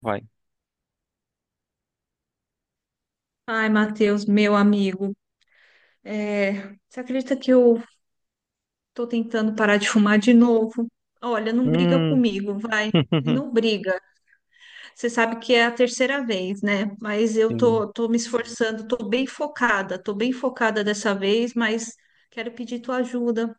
Vai. Ai, Matheus, meu amigo, é, você acredita que eu tô tentando parar de fumar de novo? Olha, não briga Hum. comigo, vai. Não briga. Você sabe que é a terceira vez, né? Mas eu Sim. tô, me esforçando, tô bem focada dessa vez, mas quero pedir tua ajuda.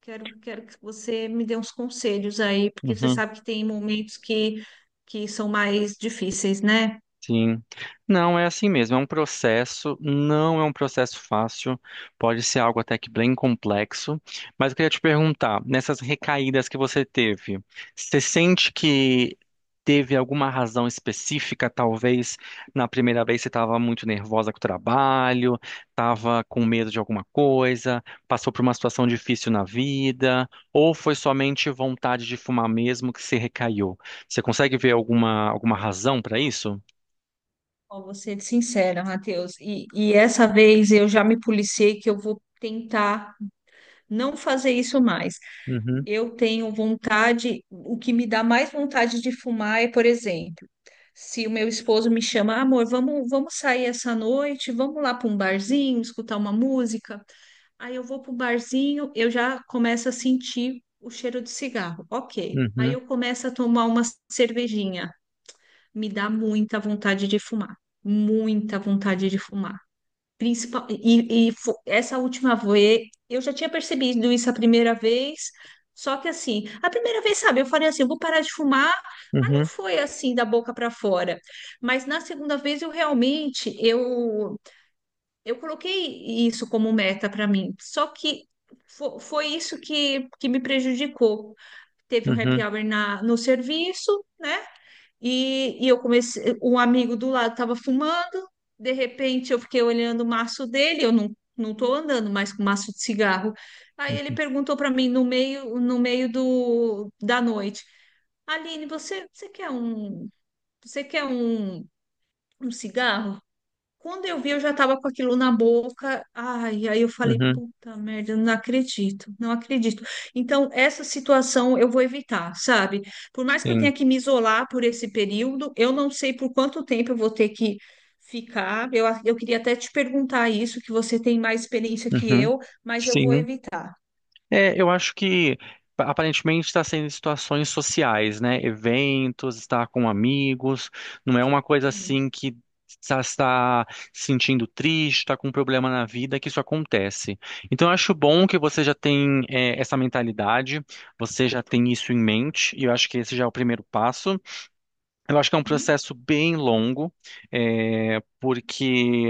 Quero que você me dê uns conselhos aí, porque você Uhum. sabe que tem momentos que são mais difíceis, né? Sim, não é assim mesmo, é um processo, não é um processo fácil, pode ser algo até que bem complexo, mas eu queria te perguntar, nessas recaídas que você teve, você sente que teve alguma razão específica, talvez na primeira vez você estava muito nervosa com o trabalho, estava com medo de alguma coisa, passou por uma situação difícil na vida, ou foi somente vontade de fumar mesmo que se recaiu? Você consegue ver alguma razão para isso? Ó, vou ser sincera, Matheus. E essa vez eu já me policiei que eu vou tentar não fazer isso mais. Uhum, Eu tenho vontade. O que me dá mais vontade de fumar é, por exemplo, se o meu esposo me chama: amor, vamos sair essa noite, vamos lá para um barzinho, escutar uma música. Aí eu vou para o barzinho, eu já começo a sentir o cheiro de cigarro. Ok. Aí uhum, eu começo a tomar uma cervejinha. Me dá muita vontade de fumar, muita vontade de fumar. Principal, e essa última vez, eu já tinha percebido isso a primeira vez. Só que assim, a primeira vez, sabe, eu falei assim, eu vou parar de fumar, mas não uhum, foi assim da boca para fora. Mas na segunda vez eu realmente, eu coloquei isso como meta para mim. Só que foi isso que me prejudicou. Teve um happy uhum, hour no serviço, né? E eu comecei, um amigo do lado estava fumando, de repente eu fiquei olhando o maço dele. Eu não estou andando mais com maço de cigarro. Aí ele uhum, perguntou para mim no meio, da noite: Aline, você quer um cigarro? Quando eu vi, eu já tava com aquilo na boca. Ai, aí eu falei: uhum, puta merda, eu não acredito, não acredito. Então, essa situação eu vou evitar, sabe? Por mais que eu tenha sim, que me isolar por esse período, eu não sei por quanto tempo eu vou ter que ficar. Eu queria até te perguntar isso, que você tem mais experiência que uhum, eu, mas eu vou sim. evitar. É, eu acho que aparentemente está sendo situações sociais, né? Eventos, estar com amigos, não é uma coisa Sim. assim que está se sentindo triste, está com um problema na vida, que isso acontece. Então eu acho bom que você já tem é, essa mentalidade, você já tem isso em mente, e eu acho que esse já é o primeiro passo. Eu acho que é um Hum? processo bem longo, é, porque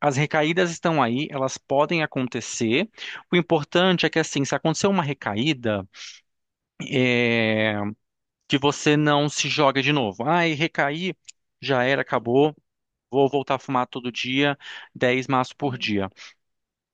as recaídas estão aí, elas podem acontecer. O importante é que, assim, se acontecer uma recaída, é, que você não se joga de novo. Ai, recaí, já era, acabou, vou voltar a fumar todo dia, 10 maços por Sim, dia.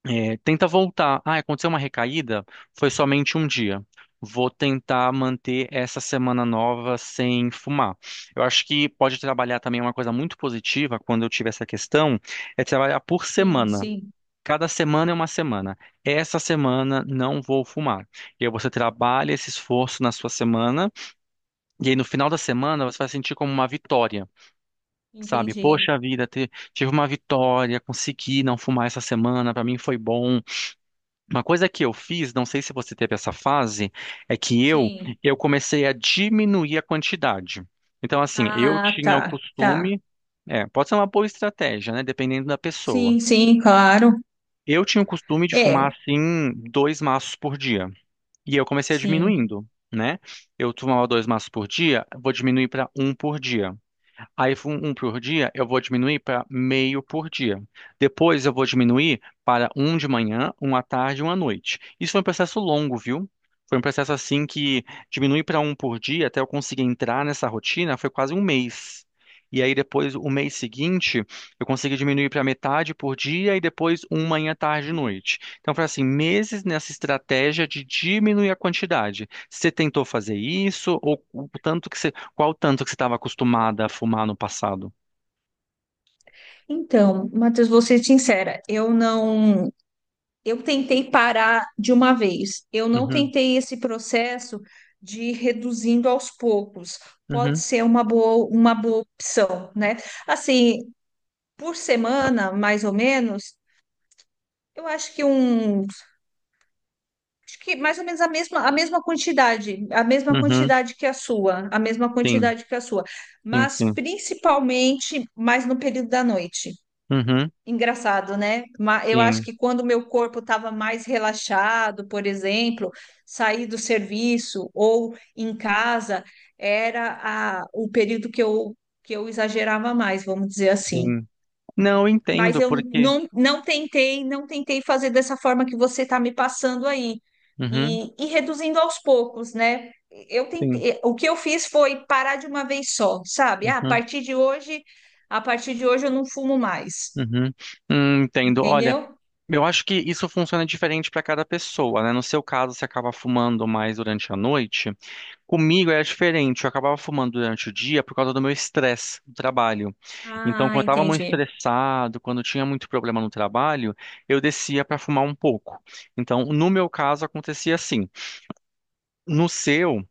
É, tenta voltar. Ah, aconteceu uma recaída? Foi somente um dia. Vou tentar manter essa semana nova sem fumar. Eu acho que pode trabalhar também uma coisa muito positiva quando eu tiver essa questão, é trabalhar por sim, semana. sim, Cada semana é uma semana. Essa semana não vou fumar. E aí você trabalha esse esforço na sua semana, e aí no final da semana você vai sentir como uma vitória. Sabe, entendi. poxa vida, tive uma vitória, consegui não fumar essa semana, pra mim foi bom. Uma coisa que eu fiz, não sei se você teve essa fase, é que eu Sim. eu comecei a diminuir a quantidade. Então, assim, eu Ah, tinha o tá, tá. costume, é, pode ser uma boa estratégia, né? Dependendo da pessoa. Sim, sim, claro. Eu tinha o costume de fumar É, assim dois maços por dia e eu comecei a sim. diminuindo, né? Eu fumava dois maços por dia, vou diminuir para um por dia. Aí, um por dia, eu vou diminuir para meio por dia. Depois, eu vou diminuir para um de manhã, um à tarde e um à noite. Isso foi um processo longo, viu? Foi um processo assim que diminui para um por dia até eu conseguir entrar nessa rotina, foi quase um mês. E aí, depois, o mês seguinte, eu consegui diminuir para metade por dia e depois um manhã, tarde e noite. Então, foi assim, meses nessa estratégia de diminuir a quantidade. Você tentou fazer isso ou o tanto que você qual o tanto que você estava acostumada a fumar no passado? Então, Matheus, vou ser sincera, eu não, eu tentei parar de uma vez. Eu não Uhum, tentei esse processo de ir reduzindo aos poucos. Pode uhum, ser uma boa, opção, né? Assim, por semana, mais ou menos, eu acho que um, acho que mais ou menos a mesma quantidade, a mesma uhum, quantidade que a sua, sim, sim, mas sim, principalmente mais no período da noite. uhum, Engraçado, né? Eu acho sim, que quando o meu corpo estava mais relaxado, por exemplo, sair do serviço ou em casa, era o período que eu exagerava mais, vamos dizer assim. sim. Não eu Mas entendo eu porque. não, não tentei, não tentei fazer dessa forma que você está me passando aí. Uhum, E reduzindo aos poucos, né? Eu sim, tentei. O que eu fiz foi parar de uma vez só, sabe? Ah, a uhum, partir de hoje, a partir de hoje eu não fumo mais, uhum. Entendo. Olha, entendeu? eu acho que isso funciona diferente para cada pessoa, né? No seu caso, você acaba fumando mais durante a noite. Comigo era diferente, eu acabava fumando durante o dia por causa do meu estresse do trabalho. Então, Ah, quando eu estava muito entendi. estressado, quando eu tinha muito problema no trabalho, eu descia para fumar um pouco. Então, no meu caso, acontecia assim. No seu.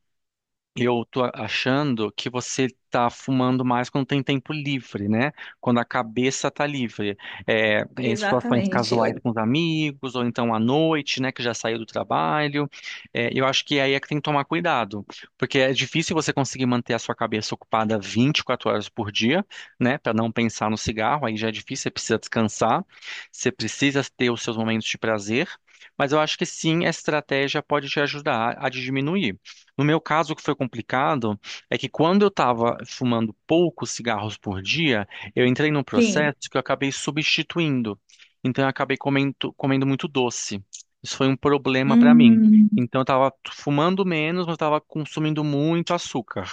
Eu tô achando que você tá fumando mais quando tem tempo livre, né? Quando a cabeça tá livre. É, em situações Exatamente. casuais com os amigos, ou então à noite, né? Que já saiu do trabalho. É, eu acho que aí é que tem que tomar cuidado. Porque é difícil você conseguir manter a sua cabeça ocupada 24 horas por dia, né? Para não pensar no cigarro, aí já é difícil, você precisa descansar, você precisa ter os seus momentos de prazer. Mas eu acho que sim, a estratégia pode te ajudar a diminuir. No meu caso, o que foi complicado é que quando eu estava fumando poucos cigarros por dia, eu entrei num Sim. processo que eu acabei substituindo. Então, eu acabei comendo muito doce. Isso foi um problema para mim. Hum. Então, eu estava fumando menos, mas estava consumindo muito açúcar.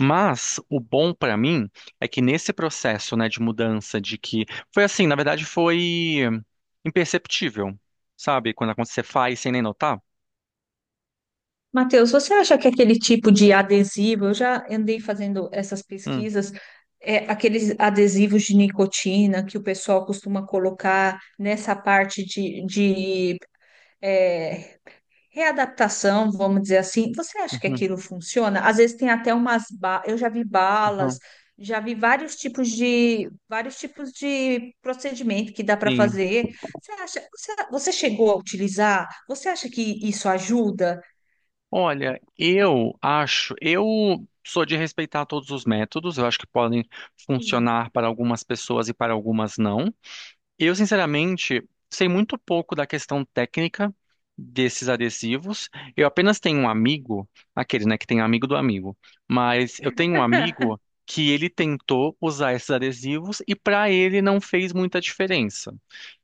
Mas o bom para mim é que nesse processo, né, de mudança, de que foi assim, na verdade, foi imperceptível, sabe? Quando você faz sem nem notar. Matheus, você acha que aquele tipo de adesivo? Eu já andei fazendo essas Hum, pesquisas, aqueles adesivos de nicotina que o pessoal costuma colocar nessa parte de, de é, readaptação, vamos dizer assim. Você acha que uhum, aquilo funciona? Às vezes tem até umas eu já vi balas, aham, já vi vários tipos de procedimento que dá para sim. fazer. Você acha? Você chegou a utilizar? Você acha que isso ajuda? Olha, eu acho, eu sou de respeitar todos os métodos, eu acho que podem Sim, funcionar para algumas pessoas e para algumas não. Eu, sinceramente, sei muito pouco da questão técnica desses adesivos. Eu apenas tenho um amigo, aquele, né, que tem amigo do amigo, mas eu tenho um amigo que ele tentou usar esses adesivos e para ele não fez muita diferença.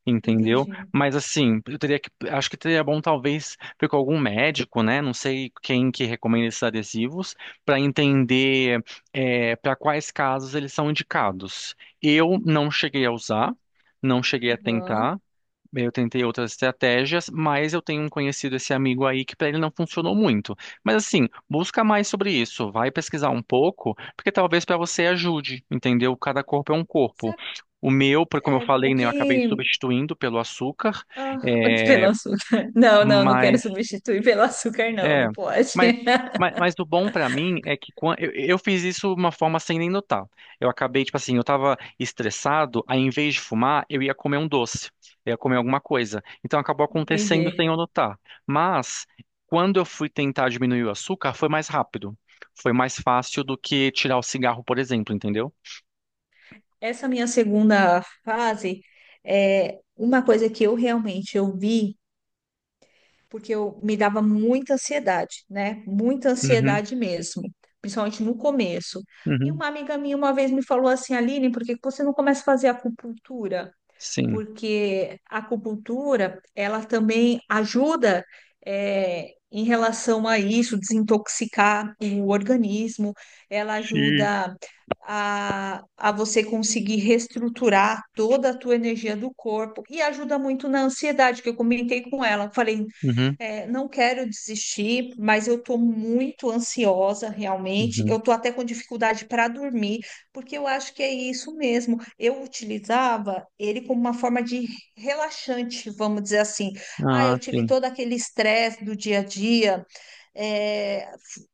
Entendeu? entendi. Mas assim, eu teria que, acho que seria bom talvez ver com algum médico, né? Não sei quem que recomenda esses adesivos, para entender para quais casos eles são indicados. Eu não cheguei a usar, não cheguei a Aham. tentar. Eu tentei outras estratégias, mas eu tenho um conhecido, esse amigo aí, que para ele não funcionou muito. Mas assim, busca mais sobre isso, vai pesquisar um pouco, porque talvez para você ajude, entendeu? Cada corpo é um corpo. Sabe, O meu, como eu falei, o né, eu acabei que... substituindo pelo açúcar, ah, pelo açúcar. Não, não, não quero substituir pelo açúcar, não, é, não pode. mas, mas o bom pra mim é que eu fiz isso de uma forma sem nem notar. Eu acabei, tipo assim, eu tava estressado, aí em vez de fumar, eu ia comer um doce, eu ia comer alguma coisa. Então acabou acontecendo Entendi. sem eu notar. Mas quando eu fui tentar diminuir o açúcar, foi mais rápido. Foi mais fácil do que tirar o cigarro, por exemplo, entendeu? Essa minha segunda fase é uma coisa que eu realmente eu vi, porque eu me dava muita ansiedade, né? Muita Uhum, ansiedade mesmo, principalmente no começo. E uhum, uma amiga minha uma vez me falou assim: Aline, por que que você não começa a fazer acupuntura? sim. Porque a acupuntura, ela também ajuda em relação a isso, desintoxicar o organismo. Ela Sim. ajuda a você conseguir reestruturar toda a tua energia do corpo, e ajuda muito na ansiedade, que eu comentei com ela. Falei: Uhum, não quero desistir, mas eu estou muito ansiosa realmente. uhum. Eu estou até com dificuldade para dormir. Porque eu acho que é isso mesmo. Eu utilizava ele como uma forma de relaxante, vamos dizer assim. Ah, Ah, eu tive sim. todo aquele estresse do dia a dia. É,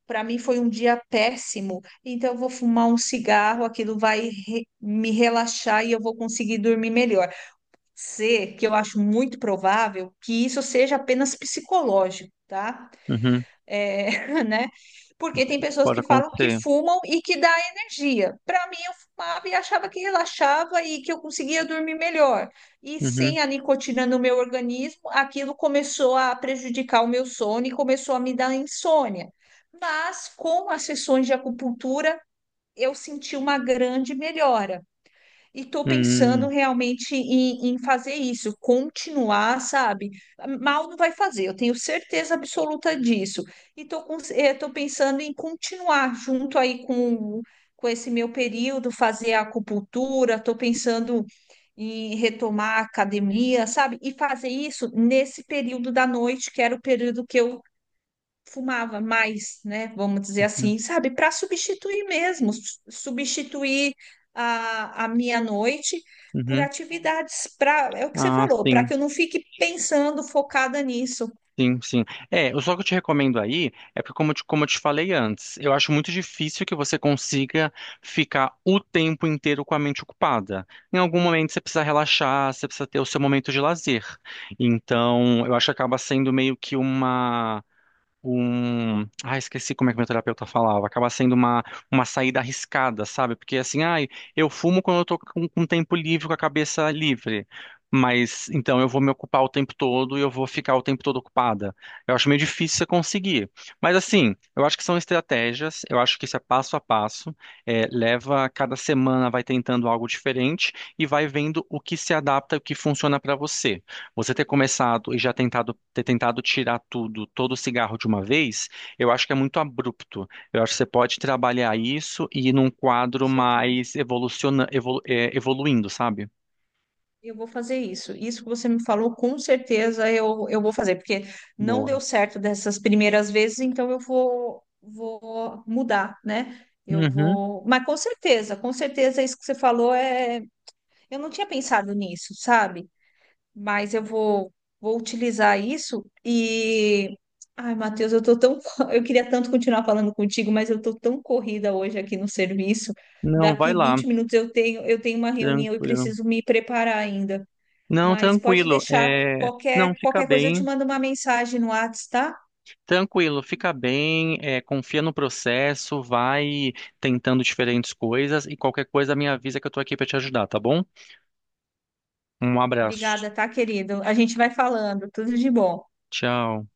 para mim foi um dia péssimo. Então eu vou fumar um cigarro, aquilo vai me relaxar e eu vou conseguir dormir melhor. Ser que eu acho muito provável que isso seja apenas psicológico, tá? Uhum, É, né? Porque tem pessoas pode que falam que acontecer. fumam e que dá energia. Para mim, eu fumava e achava que relaxava e que eu conseguia dormir melhor. E sem Uhum, a nicotina no meu organismo, aquilo começou a prejudicar o meu sono e começou a me dar insônia. Mas com as sessões de acupuntura, eu senti uma grande melhora. E estou pensando uhum, realmente em fazer isso, continuar, sabe? Mal não vai fazer, eu tenho certeza absoluta disso. E estou tô, com- eh, tô pensando em continuar junto aí com esse meu período, fazer a acupuntura. Estou pensando em retomar a academia, sabe? E fazer isso nesse período da noite, que era o período que eu fumava mais, né? Vamos dizer uhum. assim, sabe? Para substituir mesmo, substituir a minha noite por Uhum. atividades, para, é o que você Ah, falou, para sim, que eu não fique pensando focada nisso. sim, sim. É, o só que eu te recomendo aí é porque, como eu te falei antes, eu acho muito difícil que você consiga ficar o tempo inteiro com a mente ocupada. Em algum momento você precisa relaxar, você precisa ter o seu momento de lazer. Então, eu acho que acaba sendo meio que um. Ah, esqueci como é que meu terapeuta falava. Acaba sendo uma saída arriscada, sabe? Porque assim, ai, eu fumo quando eu tô com um tempo livre, com a cabeça livre. Mas então eu vou me ocupar o tempo todo e eu vou ficar o tempo todo ocupada. Eu acho meio difícil você conseguir. Mas assim, eu acho que são estratégias, eu acho que isso é passo a passo. É, leva, cada semana vai tentando algo diferente e vai vendo o que se adapta e o que funciona pra você. Você ter começado e já tentado, ter tentado tirar tudo, todo o cigarro de uma vez, eu acho que é muito abrupto. Eu acho que você pode trabalhar isso e ir num Com quadro certeza. mais evoluindo, sabe? Eu vou fazer isso. Isso que você me falou, com certeza eu, vou fazer, porque não Boa. deu certo dessas primeiras vezes, então eu vou mudar, né? Eu Uhum. vou. Mas com certeza isso que você falou é. Eu não tinha pensado nisso, sabe? Mas eu vou utilizar isso e. Ai, Matheus, eu tô tão... Eu queria tanto continuar falando contigo, mas eu tô tão corrida hoje aqui no serviço. Não, vai Daqui lá. 20 minutos eu tenho uma reunião e Tranquilo. preciso me preparar ainda. Não, Mas pode tranquilo. deixar, É... Não, qualquer, fica qualquer coisa, eu te bem. mando uma mensagem no WhatsApp, tá? Tranquilo, fica bem. É, confia no processo, vai tentando diferentes coisas e qualquer coisa me avisa que eu tô aqui pra te ajudar, tá bom? Um abraço. Obrigada, tá, querido? A gente vai falando. Tudo de bom. Tchau.